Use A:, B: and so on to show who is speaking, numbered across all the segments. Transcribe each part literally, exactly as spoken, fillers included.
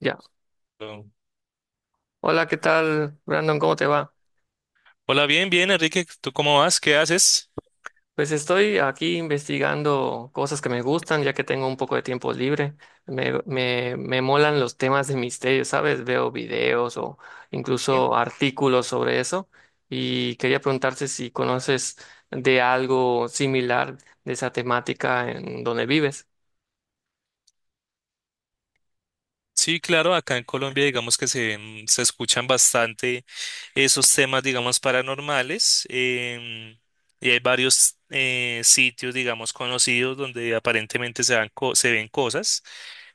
A: Ya.
B: Hola,
A: Hola, ¿qué tal, Brandon? ¿Cómo te va?
B: bien, bien, Enrique, ¿tú cómo vas? ¿Qué haces?
A: Pues estoy aquí investigando cosas que me gustan, ya que tengo un poco de tiempo libre. Me, me, me molan los temas de misterio, ¿sabes? Veo videos o
B: Bien.
A: incluso artículos sobre eso. Y quería preguntarte si conoces de algo similar de esa temática en donde vives.
B: Sí, claro, acá en Colombia digamos que se, mm, se escuchan bastante esos temas, digamos, paranormales em, y hay varios eh, sitios, digamos, conocidos donde aparentemente se, dan co- se ven cosas.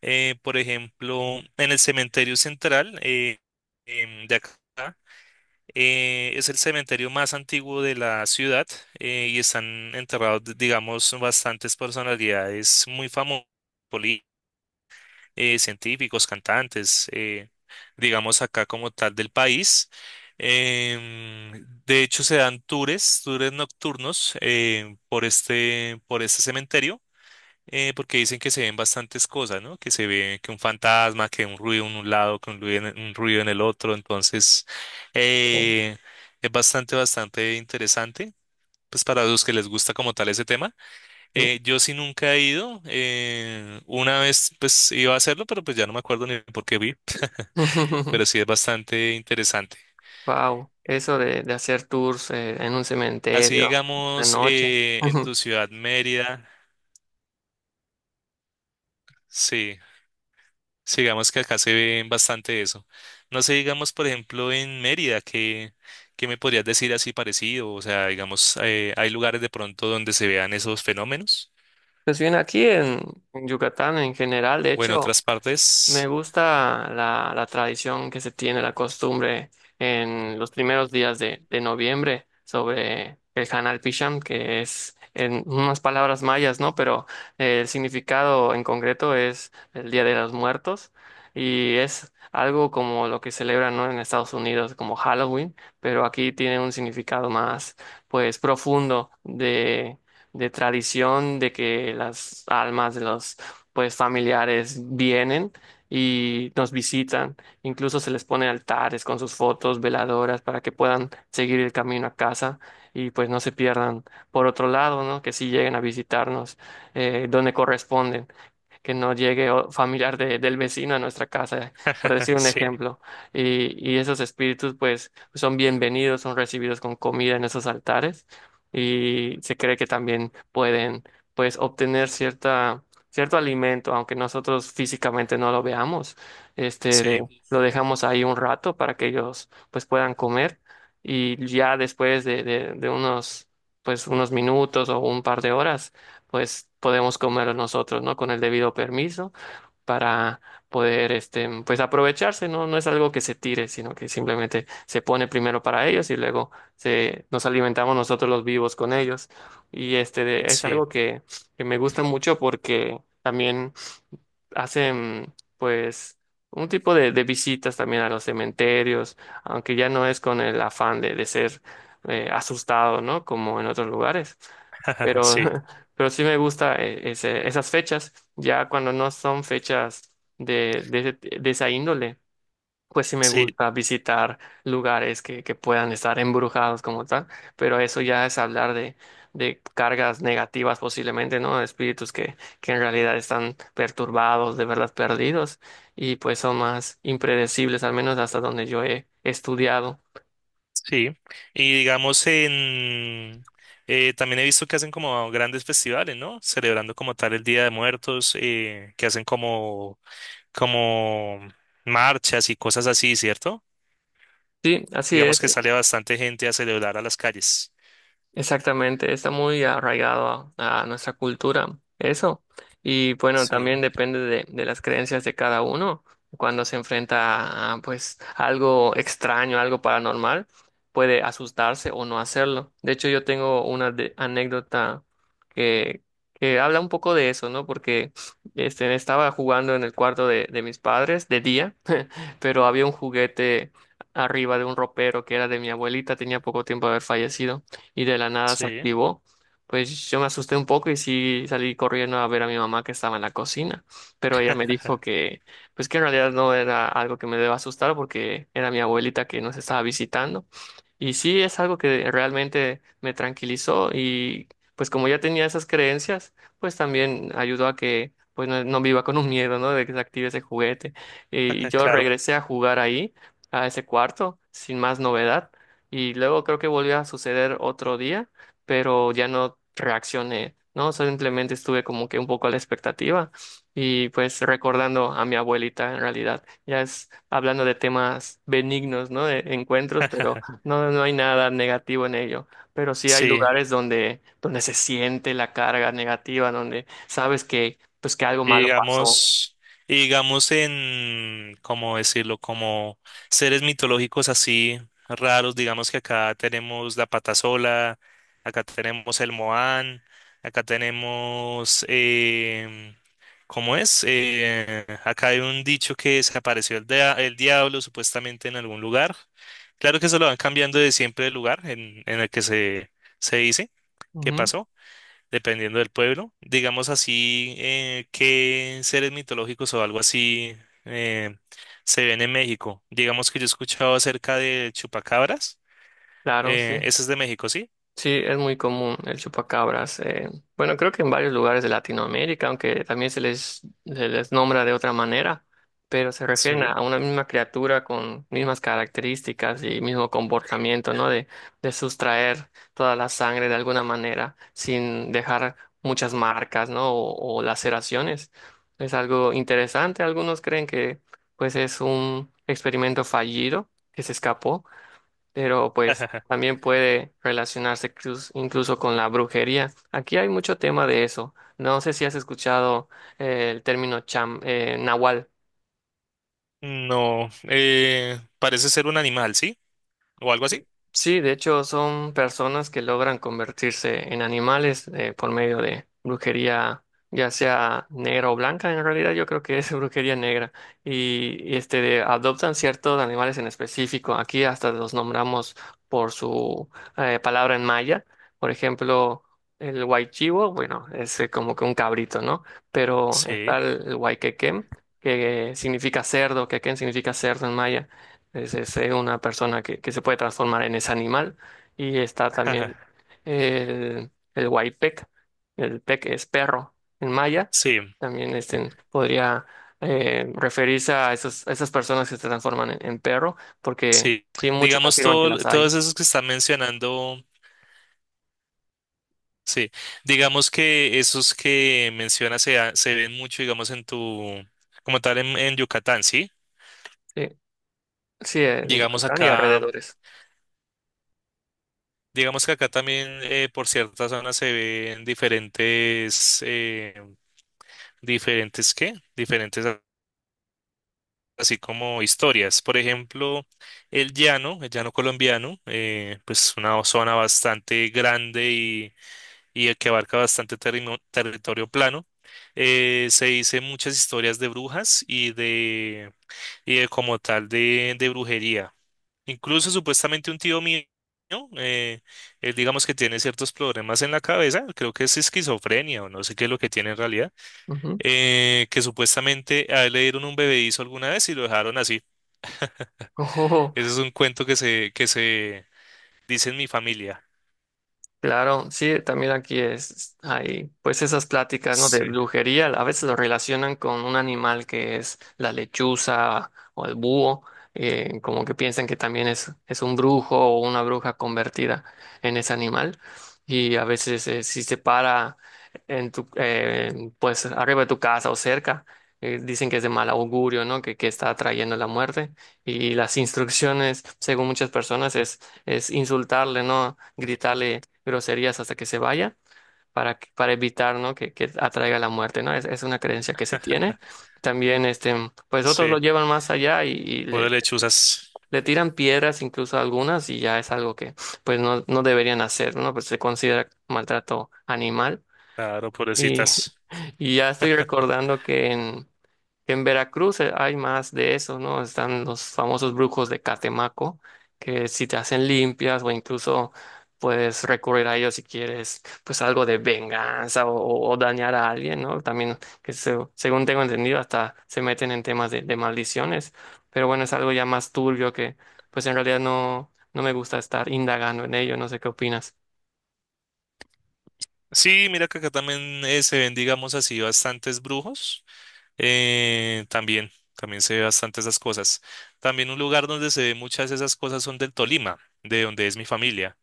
B: Eh, por ejemplo, en el cementerio central eh, em, de acá. Eh, es el cementerio más antiguo de la ciudad eh, y están enterrados, d- digamos, bastantes personalidades muy famosas, poli- eh, científicos, cantantes, eh, digamos acá como tal del país. Em, de hecho, se dan tours, tours nocturnos eh, por este, por este cementerio eh, porque dicen que se ven bastantes cosas, ¿no? Que se ve que un fantasma, que un ruido en un lado, que un ruido en, un ruido en el otro. Entonces,
A: Oh.
B: eh, es bastante, bastante interesante. Pues para los que les gusta como tal ese tema.
A: Sí.
B: Eh, yo sí nunca he ido. Eh, una vez pues iba a hacerlo, pero pues ya no me acuerdo ni por qué vi. Pero sí es bastante interesante.
A: Wow,
B: Eh,
A: eso de, de hacer tours eh, en un
B: Así
A: cementerio de
B: digamos,
A: noche.
B: eh, en tu ciudad Mérida, sí. Sí, digamos que acá se ve bastante eso. No sé, digamos, por ejemplo, en Mérida, ¿qué, qué me podrías decir así parecido? O sea, digamos, eh, ¿hay lugares de pronto donde se vean esos fenómenos?
A: Pues bien, aquí en, en Yucatán en general, de
B: O en
A: hecho,
B: otras
A: me
B: partes.
A: gusta la, la tradición que se tiene, la costumbre en los primeros días de, de noviembre sobre el Hanal Pisham, que es en unas palabras mayas, ¿no? Pero eh, el significado en concreto es el Día de los Muertos y es algo como lo que celebran, ¿no? En Estados Unidos como Halloween, pero aquí tiene un significado más, pues, profundo de, de tradición, de que las almas de los pues familiares vienen y nos visitan. Incluso se les pone altares con sus fotos, veladoras, para que puedan seguir el camino a casa y pues no se pierdan. Por otro lado, ¿no? Que sí lleguen a visitarnos eh, donde corresponden, que no llegue o- familiar de- del vecino a nuestra casa, por decir un
B: Sí,
A: ejemplo. Y, y esos espíritus pues son bienvenidos, son recibidos con comida en esos altares y se cree que también pueden pues obtener cierta, cierto alimento, aunque nosotros físicamente no lo veamos. Este,
B: sí,
A: de- lo dejamos ahí un rato para que ellos pues puedan comer y ya después de, de de unos pues unos minutos o un par de horas pues podemos comerlo nosotros, ¿no? Con el debido permiso para poder, este, pues aprovecharse, ¿no? No es algo que se tire, sino que simplemente se pone primero para ellos y luego se, nos alimentamos nosotros los vivos con ellos. Y este, es
B: sí,
A: algo que, que me gusta mucho porque también hacen pues un tipo de, de visitas también a los cementerios, aunque ya no es con el afán de, de ser eh, asustado, ¿no? Como en otros lugares. Pero,
B: sí,
A: pero sí me gusta eh, ese- esas fechas, ya cuando no son fechas de, de, de esa índole, pues sí me
B: sí,
A: gusta visitar lugares que, que puedan estar embrujados como tal, pero eso ya es hablar de, de cargas negativas posiblemente, ¿no? De espíritus que, que en realidad están perturbados, de verdad perdidos, y pues son más impredecibles, al menos hasta donde yo he estudiado.
B: sí. Y digamos, en... eh, también he visto que hacen como grandes festivales, ¿no? Celebrando como tal el Día de Muertos, eh, que hacen como, como marchas y cosas así, ¿cierto?
A: Sí, así
B: Digamos
A: es.
B: que sale bastante gente a celebrar a las calles.
A: Exactamente, está muy arraigado a, a nuestra cultura, eso. Y bueno,
B: Sí,
A: también depende de, de las creencias de cada uno. Cuando se enfrenta a pues algo extraño, algo paranormal, puede asustarse o no hacerlo. De hecho, yo tengo una de- anécdota que, que habla un poco de eso, ¿no? Porque este, estaba jugando en el cuarto de, de mis padres de día, pero había un juguete arriba de un ropero que era de mi abuelita, tenía poco tiempo de haber fallecido y de la nada se
B: sí,
A: activó. Pues yo me asusté un poco y sí salí corriendo a ver a mi mamá que estaba en la cocina, pero ella me dijo que pues que en realidad no era algo que me deba asustar porque era mi abuelita que nos estaba visitando y sí, es algo que realmente me tranquilizó y pues como ya tenía esas creencias, pues también ayudó a que pues no, no viva con un miedo, ¿no? De que se active ese juguete. Y yo
B: claro.
A: regresé a jugar ahí, a ese cuarto, sin más novedad. Y luego creo que volvió a suceder otro día, pero ya no reaccioné, ¿no? Simplemente estuve como que un poco a la expectativa y pues recordando a mi abuelita en realidad. Ya es hablando de temas benignos, ¿no? De encuentros, pero no, no hay nada negativo en ello, pero sí hay
B: Sí,
A: lugares donde, donde se siente la carga negativa, donde sabes que, pues, que algo
B: y
A: malo pasó.
B: digamos, y digamos en, ¿cómo decirlo? Como seres mitológicos así raros, digamos que acá tenemos la patasola, acá tenemos el Moán, acá tenemos, em, ¿cómo es? Eh, acá hay un dicho que se apareció el, dia- el diablo supuestamente en algún lugar. Claro que eso lo van cambiando de siempre el lugar en, en el que se, se dice que
A: Ujú,
B: pasó dependiendo del pueblo. Digamos así, eh, qué seres mitológicos o algo así eh, se ven en México. Digamos que yo he escuchado acerca de chupacabras.
A: claro, sí.
B: Eh, ese es de México, ¿sí?
A: Sí, es muy común el chupacabras. Eh, bueno, creo que en varios lugares de Latinoamérica, aunque también se les, se les nombra de otra manera, pero se refieren
B: Sí.
A: a a una misma criatura con mismas características y mismo comportamiento, ¿no? De, de sustraer toda la sangre de alguna manera sin dejar muchas marcas, ¿no? O, o laceraciones. Es algo interesante. Algunos creen que pues es un experimento fallido que se escapó, pero pues también puede relacionarse cruz- incluso con la brujería. Aquí hay mucho tema de eso. No sé si has escuchado eh, el término cham, eh, nahual.
B: No, eh, parece ser un animal, ¿sí? O algo así.
A: Sí, de hecho son personas que logran convertirse en animales eh, por medio de brujería, ya sea negra o blanca. En realidad yo creo que es brujería negra y, y, este de- adoptan ciertos animales en específico. Aquí hasta los nombramos por su eh, palabra en maya. Por ejemplo, el huaychivo, bueno, es eh, como que un cabrito, ¿no? Pero está
B: Sí.
A: el, el huayquequén, que significa cerdo, quequén significa cerdo en maya. Es, es, eh, una persona que, que se puede transformar en ese animal. Y está también el, el huaypec. El pec es perro en maya.
B: Sí,
A: También este, podría eh, referirse a, esos, a esas personas que se transforman en, en perro, porque
B: sí.
A: sí, muchos
B: Digamos
A: afirman que
B: todo,
A: las hay.
B: todos esos que están mencionando, sí. Digamos que esos que mencionas se, ha- se ven mucho, digamos, en tu, como tal, en, en Yucatán, ¿sí?
A: Sí, sí, en
B: Llegamos
A: Yucatán y
B: acá,
A: alrededores.
B: digamos que acá también eh, por ciertas zonas se ven diferentes, eh, diferentes, ¿qué? Diferentes a- así como historias. Por ejemplo, el llano, el llano colombiano, eh, pues una zona bastante grande y, y que abarca bastante terrimo- territorio plano. Eh, se dice muchas historias de brujas y de, y de como tal de, de brujería. Incluso supuestamente un tío mío, eh, él digamos que tiene ciertos problemas en la cabeza, creo que es esquizofrenia o no sé qué es lo que tiene en realidad, eh, que supuestamente a él le dieron un bebedizo alguna vez y lo dejaron así.
A: Ujú.
B: Ese es un cuento que se, que se dice en mi familia.
A: Claro, sí, también aquí es, hay pues esas pláticas, ¿no? De
B: Sí,
A: brujería, a veces lo relacionan con un animal que es la lechuza o el búho, eh, como que piensan que también es, es un brujo o una bruja convertida en ese animal. Y a veces eh, si se para en tu, eh, pues arriba de tu casa o cerca, eh, dicen que es de mal augurio, ¿no? Que, que está atrayendo la muerte. Y las instrucciones, según muchas personas, es, es insultarle, ¿no? Gritarle groserías hasta que se vaya para, que- para evitar, ¿no? que, que atraiga la muerte, ¿no? Es, es una creencia que se tiene. También, este, pues otros
B: sí,
A: lo llevan más allá y, y
B: por
A: le,
B: lechuzas,
A: le tiran piedras incluso a algunas y ya es algo que pues no, no deberían hacer, ¿no? Pues se considera maltrato animal.
B: claro,
A: Y,
B: pobrecitas.
A: y ya estoy recordando que en, en Veracruz eh, hay más de eso, ¿no? Están los famosos brujos de Catemaco, que si te hacen limpias o incluso puedes recurrir a ellos si quieres, pues algo de venganza o, o- o dañar a alguien, ¿no? También, que se- según tengo entendido, hasta se meten en temas de, de maldiciones, pero bueno, es algo ya más turbio que, pues en realidad no, no me gusta estar indagando en ello, no sé qué opinas.
B: Sí, mira que acá también eh, se ven, digamos así, bastantes brujos. Eh, también, también se ve bastante esas cosas. También un lugar donde se ve muchas de esas cosas son del Tolima, de donde es mi familia.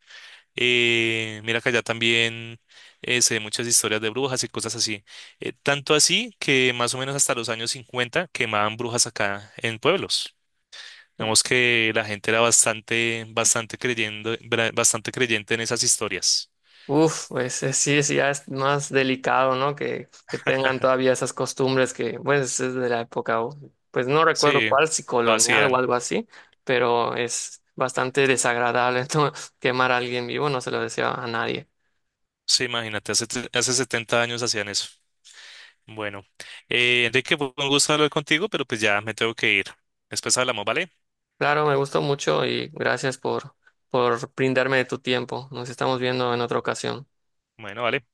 B: Eh, mira que allá también eh, se ven muchas historias de brujas y cosas así. Eh, tanto así que más o menos hasta los años cincuenta quemaban brujas acá en pueblos. Digamos que la gente era bastante, bastante creyendo, bra- bastante creyente en esas historias.
A: Uf, pues eh, sí, sí, ya es más delicado, ¿no? Que, que tengan todavía esas costumbres que, pues, es de la época, o- pues no recuerdo
B: Sí,
A: cuál, si
B: lo
A: colonial o
B: hacían.
A: algo así, pero es bastante desagradable ¿no? Quemar a alguien vivo, no se lo deseo a nadie.
B: Sí, imagínate, hace, hace setenta años hacían eso. Bueno, eh, Enrique, fue un gusto hablar contigo, pero pues ya me tengo que ir. Después hablamos, ¿vale?
A: Claro, me gustó mucho y gracias por, por brindarme de tu tiempo. Nos estamos viendo en otra ocasión.
B: Bueno, vale.